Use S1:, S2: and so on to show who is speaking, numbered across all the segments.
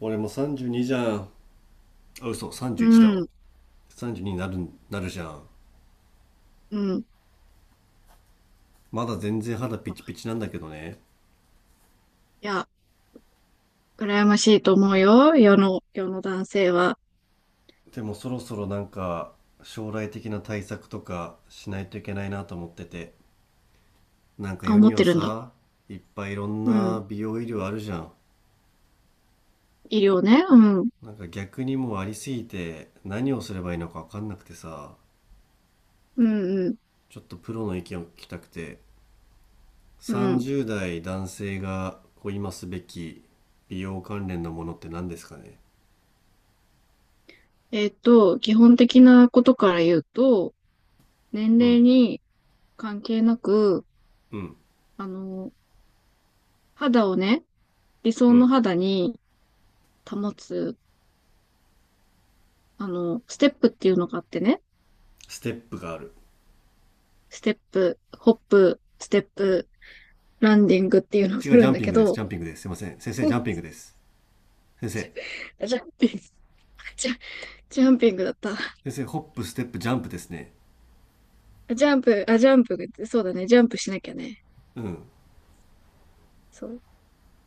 S1: 俺も32じゅうにじゃん。あ、嘘、
S2: う
S1: 31だわ。
S2: ん、
S1: 32になるじゃん。
S2: うん。い
S1: まだ全然肌ピチピチなんだけどね。
S2: や、羨ましいと思うよ。世の男性は。
S1: でもそろそろ、なんか将来的な対策とかしないといけないなと思ってて、なんか
S2: あ、
S1: 世
S2: 思っ
S1: に
S2: て
S1: は
S2: るんだ。
S1: さ、いっぱいいろん
S2: うん。
S1: な美容医療あるじゃん。
S2: 医療ね。うん。
S1: なんか逆に、もうありすぎて何をすればいいのか分かんなくてさ、
S2: うん、うん、
S1: ちょっとプロの意見を聞きたくて、
S2: うん。
S1: 30代男性がこう今すべき美容関連のものって何ですかね？
S2: 基本的なことから言うと、年
S1: う
S2: 齢
S1: ん、
S2: に関係なく、
S1: うん、
S2: あの、肌をね、理
S1: う
S2: 想の
S1: ん。
S2: 肌に保つ、ステップっていうのがあってね、
S1: ステップがある。
S2: ステップ、ホップ、ステップ、ランディングっていうのを
S1: 違
S2: す
S1: う、ジ
S2: る
S1: ャ
S2: ん
S1: ン
S2: だ
S1: ピン
S2: け
S1: グです。ジ
S2: ど、
S1: ャンピングです。すいません。先生、ジャンピングです。先生、
S2: ジャンピング、ジャ、ジャンピングだった。
S1: 先生、ホップ、ステップ、ジャンプですね。
S2: あ、ジャンプ、あ、ジャンプ、そうだね、ジャンプしなきゃね。
S1: うん。
S2: そう。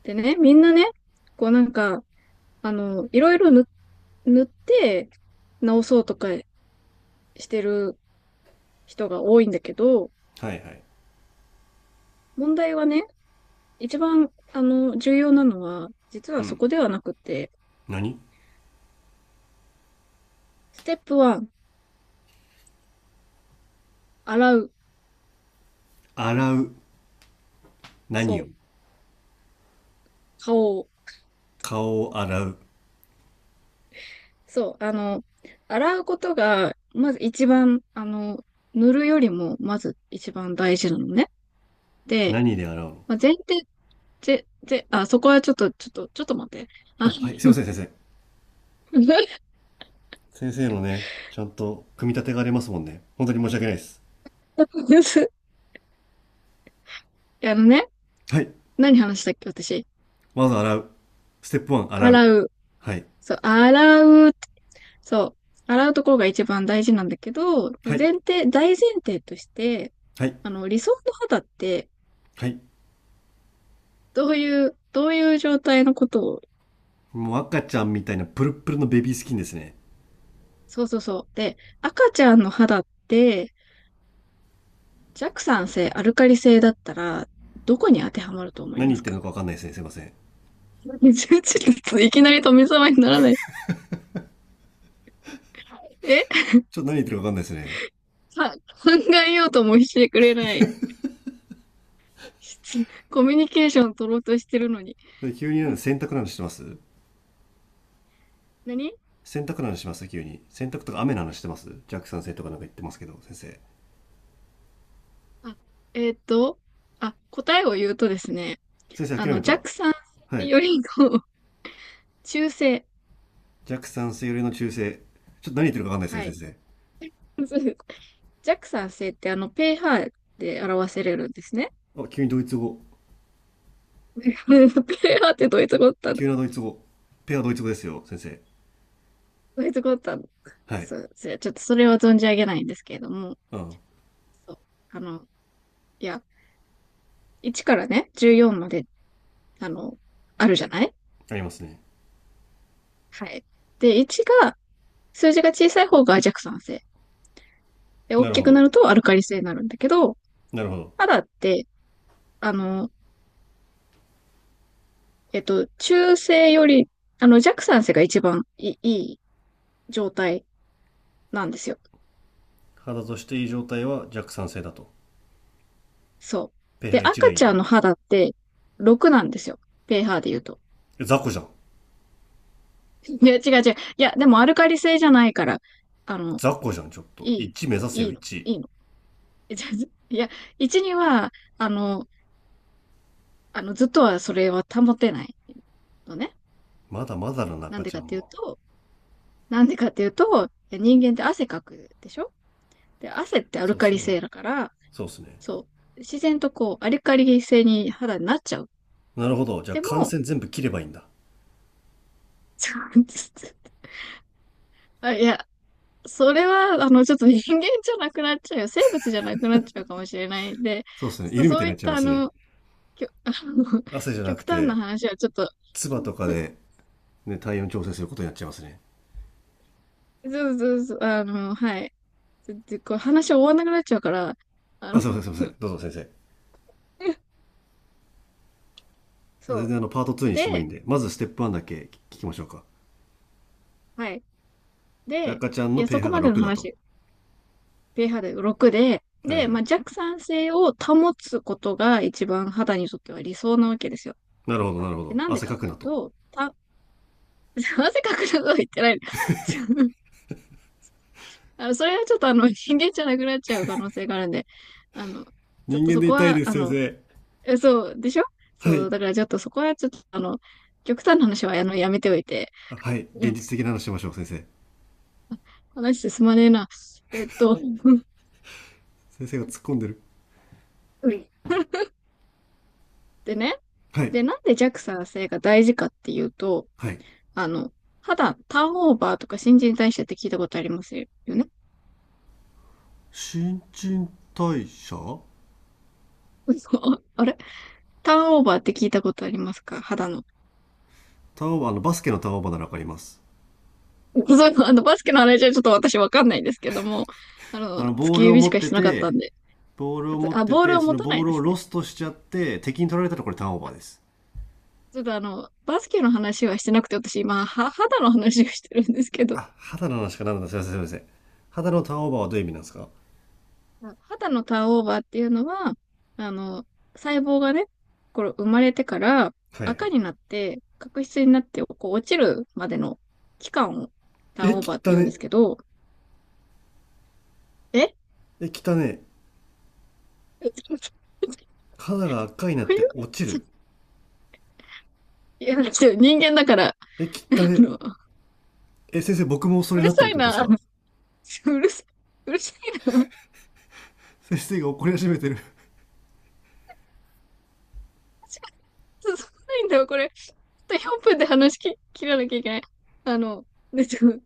S2: でね、みんなね、こうなんか、いろいろ塗って直そうとかしてる人が多いんだけど、
S1: はい、はい。
S2: 問題はね、一番、重要なのは、実は
S1: う
S2: そ
S1: ん。
S2: こではなくて、
S1: 何？
S2: ステップ1、洗う。
S1: 洗う。何
S2: そ
S1: を？
S2: う、顔を。
S1: 顔を洗う。
S2: そう、洗うことが、まず一番、塗るよりも、まず一番大事なのね。で、
S1: 何で洗うの？
S2: まあ、前提ぜ、ぜ、あ、そこはちょっと、ちょっと、ちょっと待って。あ、
S1: あ、はい。すいません、先生。先生のね、ちゃんと組み立てがありますもんね。本当に申し訳ないです。
S2: あのね、
S1: はい。
S2: 何話したっけ、私。
S1: まず洗う。ステップ1、洗う。
S2: 洗う。
S1: はい。
S2: そう、洗う。そう、洗うところが一番大事なんだけど、
S1: はい。
S2: 大前提として、
S1: はい。
S2: 理想の肌って、
S1: はい。
S2: どういう状態のことを？
S1: もう赤ちゃんみたいなプルップルのベビースキンですね。
S2: そうそうそう。で、赤ちゃんの肌って、弱酸性、アルカリ性だったら、どこに当てはまると思い
S1: 何
S2: ま
S1: 言っ
S2: す
S1: てる
S2: か？
S1: のかわかんないですね。すいません。
S2: ちょっといきなり富澤にならない。え
S1: ちょっと何言ってるかわかんないですね。
S2: さ、考えようともしてくれない。コミュニケーション取ろうとしてるのに。
S1: 急になん
S2: う
S1: か
S2: ん、
S1: 洗濯なのしてます？
S2: 何？
S1: 洗濯なのします急に。洗濯とか雨なの話してます？弱酸性とかなんか言ってますけど、先生。
S2: あ、えーっと、答えを言うとですね、
S1: 先生諦めた。は
S2: 弱酸性
S1: い。
S2: よりの 中性。
S1: 弱酸性よりの中性。ちょっと何言ってるかわかんないで
S2: は
S1: すね、
S2: い。
S1: 先
S2: 弱酸性ってpH で表せれるんですね。
S1: 生。あ、急にドイツ語。
S2: pH ってどういうとこだったの？
S1: 急なドイツ語。ペアドイツ語ですよ、先生。
S2: どういうとこだったの？
S1: はい。
S2: そう、それちょっとそれは存じ上げないんですけれども、
S1: うん。
S2: そう、あの、いや、1からね、14まで、あの、あるじゃない？
S1: ありますね。
S2: はい。で、1が、数字が小さい方が弱酸性。で、大
S1: なる
S2: き
S1: ほ
S2: くな
S1: ど。
S2: るとアルカリ性になるんだけど、
S1: なるほど。
S2: 肌って、あの、中性より、弱酸性が一番いい状態なんですよ。
S1: 肌としていい状態は弱酸性だと。
S2: そう。
S1: ペ
S2: で、
S1: ア1が
S2: 赤
S1: いい
S2: ちゃ
S1: と。
S2: んの肌って6なんですよ。pH で言うと。
S1: え、雑魚じゃん。
S2: いや、違う違う。いや、でもアルカリ性じゃないから、あの、
S1: 雑魚じゃん、ちょっと。
S2: いい、
S1: 1目指せ
S2: い
S1: よ、
S2: いの、
S1: 1。
S2: いいの。じゃ、いや、1には、ずっとはそれは保てないのね。
S1: まだまだの
S2: な
S1: 中
S2: んで
S1: ちゃ
S2: かっ
S1: ん
S2: ていう
S1: も。
S2: と、なんでかっていうと、いや、人間って汗かくでしょ？で、汗ってアル
S1: そうっ
S2: カ
S1: す
S2: リ
S1: ね。
S2: 性だから、
S1: そうっすね。
S2: そう、自然とこう、アルカリ性に肌になっちゃう。
S1: なるほど。じゃあ
S2: で
S1: 感
S2: も、
S1: 染全部切ればいいんだ。
S2: あ、いや、それは、ちょっと人間じゃなくなっちゃうよ。生物じゃなくなっちゃうかもしれないんで、
S1: そうですね。
S2: ちょっと
S1: 犬みた
S2: そ
S1: い
S2: う
S1: に
S2: い
S1: な
S2: っ
S1: っちゃい
S2: た、
S1: ま
S2: あ
S1: すね。
S2: の、きょ、あの、
S1: 汗じゃな
S2: 極
S1: く
S2: 端な
S1: て、
S2: 話はちょっと、
S1: 唾とかで、ね、体温調整することになっちゃいますね。
S2: そうそうそう、はい。で、こう話終わんなくなっちゃうから、あの、
S1: あ、すいません、すいません。どうぞ先生。
S2: そ
S1: 全
S2: う。
S1: 然パート
S2: そ
S1: 2
S2: れ
S1: にしてもいいん
S2: で、
S1: で、まずステップ1だけ聞きましょうか。
S2: はい。
S1: で、
S2: で、
S1: 赤ちゃん
S2: い
S1: の
S2: や、そこ
S1: pH が
S2: までの
S1: 6だと。
S2: 話、pH6 でろくで、
S1: はい、
S2: で、
S1: は
S2: ま
S1: い。
S2: あ、弱酸性を保つことが一番肌にとっては理想なわけですよ。
S1: なるほど、なるほ
S2: で、
S1: ど。
S2: なんで
S1: 汗
S2: かっ
S1: かく
S2: てい
S1: な
S2: う
S1: と。
S2: と、なぜかくなこと言ってない。ちょあの、それはちょっと人間じゃなくなっちゃう可能性があるんで、あの、ちょっ
S1: 人
S2: と
S1: 間
S2: そ
S1: で
S2: こ
S1: 痛い
S2: は、
S1: です、先生。
S2: そう、でしょ？
S1: は
S2: そ
S1: い。
S2: う、だからちょっとそこはちょっと極端な話はやめておいて、
S1: あ、はい。
S2: う
S1: 現
S2: ん、
S1: 実的な話しましょう、先生。
S2: 話進まねえな。えっと、
S1: 先生が突っ込んでる。
S2: うん、でね、
S1: はい。
S2: で、なんで JAXA 製が大事かっていうと、
S1: はい。
S2: あの、肌、ターンオーバーとか新陳代謝って聞いたことありますよね？
S1: 新陳代謝？
S2: そう、あれ、ターンオーバーって聞いたことありますか、肌の？
S1: ターンオーバー？バスケのターンオーバーならわかります。
S2: そういうの、バスケの話はちょっと私わかんないんですけども、
S1: あの、
S2: 突
S1: ボー
S2: き
S1: ルを
S2: 指し
S1: 持っ
S2: か
S1: て
S2: してなかった
S1: て、
S2: んで。
S1: ボールを持っ
S2: あ、
S1: て
S2: ボール
S1: て、
S2: を
S1: そ
S2: 持
S1: の
S2: たな
S1: ボ
S2: い
S1: ー
S2: で
S1: ルを
S2: す
S1: ロ
S2: ね。
S1: ストしちゃって、敵に取られたらこれターンオーバーです。
S2: ちょっとバスケの話はしてなくて、私今、は、肌の話をしてるんですけど、
S1: あ、肌の話かなんだ。すいません、すいません。肌のターンオーバーはどういう意味なんですか？は
S2: 肌のターンオーバーっていうのは、あの、細胞がね、これ生まれてから
S1: い、は
S2: 赤
S1: い。
S2: になって、角質になってこう落ちるまでの期間をター
S1: え、
S2: ンオーバーって
S1: 汚
S2: 言うんで
S1: ね。
S2: すけど、え
S1: え、汚ね。
S2: こ
S1: 肌が赤になっ
S2: うい
S1: て
S2: う、
S1: 落ちる。
S2: いや、ちょっと人間だから、
S1: え、汚
S2: あ
S1: ね。
S2: の、
S1: え、先生、僕もそ
S2: う
S1: れ
S2: る
S1: なって
S2: さ
S1: るっ
S2: い
S1: てことです
S2: な、う
S1: か？
S2: るさい、うるさいな、
S1: 先生が怒り始めてる。
S2: そか、進まないんだよ、これ。ちょっと4分で話き切らなきゃいけない。あの、で、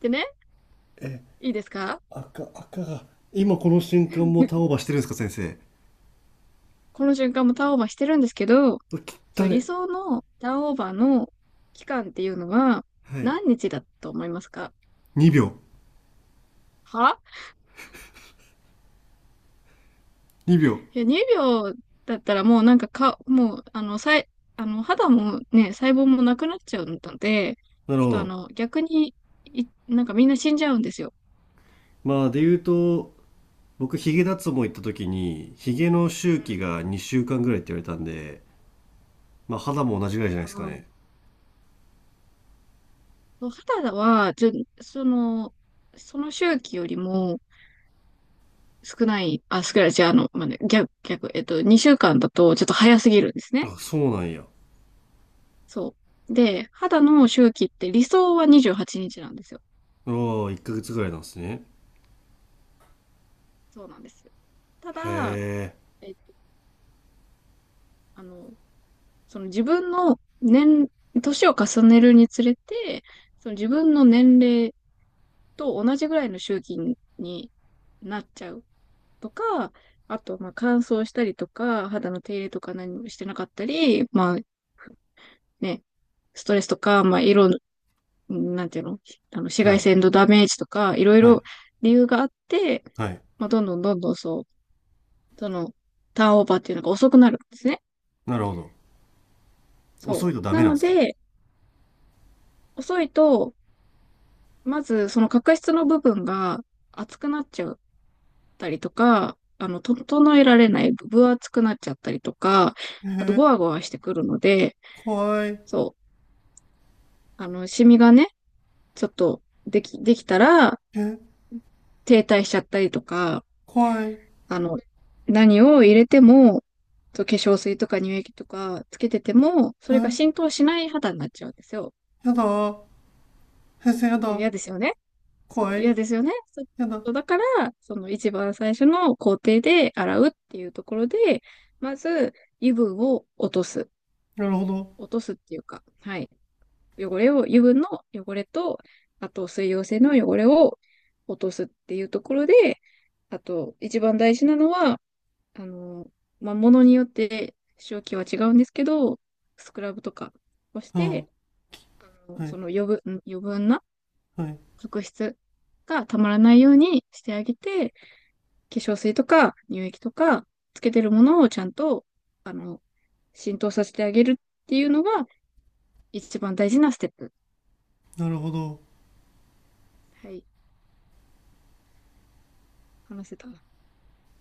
S2: でね、
S1: え、
S2: いいですか？
S1: 赤、赤が。今この瞬間もターンオーバーしてるんですか、先生。
S2: この瞬間もターンオーバーしてるんですけど、そ
S1: 汚
S2: う、理
S1: ね。
S2: 想のターンオーバーの期間っていうのは
S1: はい。
S2: 何日だと思いますか？
S1: 2秒。
S2: は？
S1: 2秒。
S2: いや、2秒だったらもうなんかもう、あの、さい、あの、肌もね、細胞もなくなっちゃうので、
S1: なる
S2: ちょっ
S1: ほ
S2: と
S1: ど。
S2: 逆に、なんかみんな死んじゃうんですよ。
S1: まあ、で言うと、僕、ヒゲ脱毛行った時に、ヒゲの
S2: う
S1: 周期
S2: ん。
S1: が2週間ぐらいって言われたんで、まあ肌も同じぐらいじゃないで
S2: あ
S1: すか
S2: ー、
S1: ね。
S2: そう、肌は、その、その周期よりも少ない、じゃあ、まあね、逆、2週間だとちょっと早すぎるんですね。
S1: あ、そうなんや。
S2: そう。で、肌の周期って理想は28日なんですよ。
S1: ああ、1ヶ月ぐらいなんですね。
S2: そうなんです。ただ、
S1: へ
S2: えっと、あの、その自分の年を重ねるにつれて、その自分の年齢と同じぐらいの周期になっちゃうとか、あと、まあ、乾燥したりとか、肌の手入れとか何もしてなかったり、まあね、ストレスとか、まあ、なんていうの、紫
S1: え。は
S2: 外
S1: い。
S2: 線のダメージとか、いろい
S1: は
S2: ろ
S1: い。
S2: 理由があって、
S1: はい。
S2: まあ、どんどんどんどん、そう、その、ターンオーバーっていうのが遅くなるんですね。
S1: なるほど。遅
S2: そ
S1: いとダ
S2: う。
S1: メ
S2: な
S1: なんで
S2: の
S1: すか？
S2: で、遅いと、まずその角質の部分が厚くなっちゃったりとか、整えられない、分厚くなっちゃったりとか、
S1: え
S2: あと、ゴ
S1: ー、
S2: ワゴワしてくるので、
S1: 怖い。
S2: そう、シミがね、ちょっと、できたら、
S1: え、
S2: 停滞しちゃったりとか、
S1: 怖い。
S2: あの、何を入れても、そう、化粧水とか乳液とかつけてても、それが
S1: え、
S2: 浸透しない肌になっちゃうんですよ。
S1: やだ。先生やだ。
S2: 嫌ですよね。そう、
S1: 怖い。
S2: 嫌ですよね。そう、
S1: やだ。
S2: そうだから、その一番最初の工程で洗うっていうところで、まず油分を落とす。
S1: なるほど。
S2: 落とすっていうか、はい。汚れを、油分の汚れと、あと水溶性の汚れを落とすっていうところで、あと一番大事なのは、あの、まあ、ものによって使用期は違うんですけど、スクラブとかをして、
S1: ああ、はい。
S2: 余分な
S1: はい。
S2: 角質がたまらないようにしてあげて、化粧水とか乳液とかつけてるものをちゃんと、あの、浸透させてあげるっていうのが一番大事なステップ。
S1: なるほど。
S2: はい、話せた。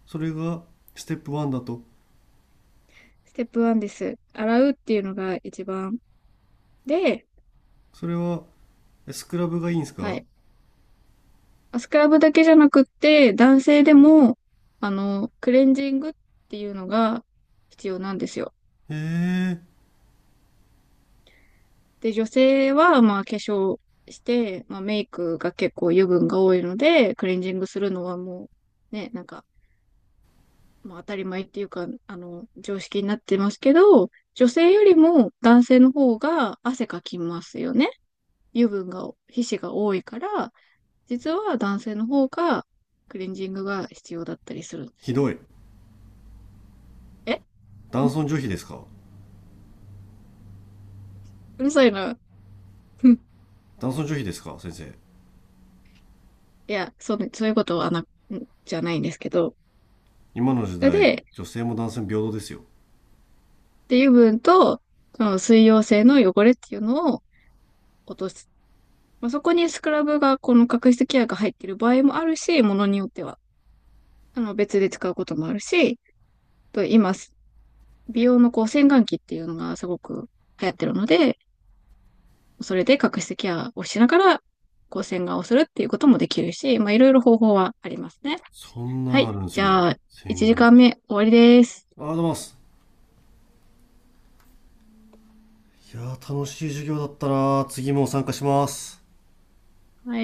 S1: それが、ステップ1だと。
S2: ステップ1です。洗うっていうのが一番で、
S1: それは、スクラブがいいんです
S2: は
S1: か？
S2: い。スクラブだけじゃなくって、男性でも、クレンジングっていうのが必要なんですよ。
S1: ええ、
S2: で、女性は、まあ、化粧して、まあ、メイクが結構油分が多いので、クレンジングするのはもう、ね、なんか、まあ、当たり前っていうか、常識になってますけど、女性よりも男性の方が汗かきますよね。油分が、皮脂が多いから、実は男性の方がクレンジングが必要だったりするんで
S1: ひ
S2: すよ。
S1: どい。
S2: え
S1: 男尊女卑ですか？
S2: うるさいな。うん、
S1: 男尊女卑ですか、先生。
S2: いや、そうね、そういうことはな、んじゃないんですけど。
S1: 今の時
S2: それ
S1: 代、
S2: で、
S1: 女性も男性も平等ですよ。
S2: 油分と、その水溶性の汚れっていうのを落とす。まあ、そこにスクラブが、この角質ケアが入っている場合もあるし、ものによっては、別で使うこともあるし、と今、美容のこう、洗顔器っていうのがすごく流行ってるので、それで角質ケアをしながら、こう、洗顔をするっていうこともできるし、まあ、いろいろ方法はありますね。
S1: そん
S2: は
S1: なあ
S2: い。
S1: るんで
S2: じ
S1: すね。
S2: ゃあ、1
S1: 洗
S2: 時
S1: 顔
S2: 間
S1: 器。
S2: 目終わりです。
S1: ありがとうございます。いやー、楽しい授業だったなー。次も参加します。
S2: はい。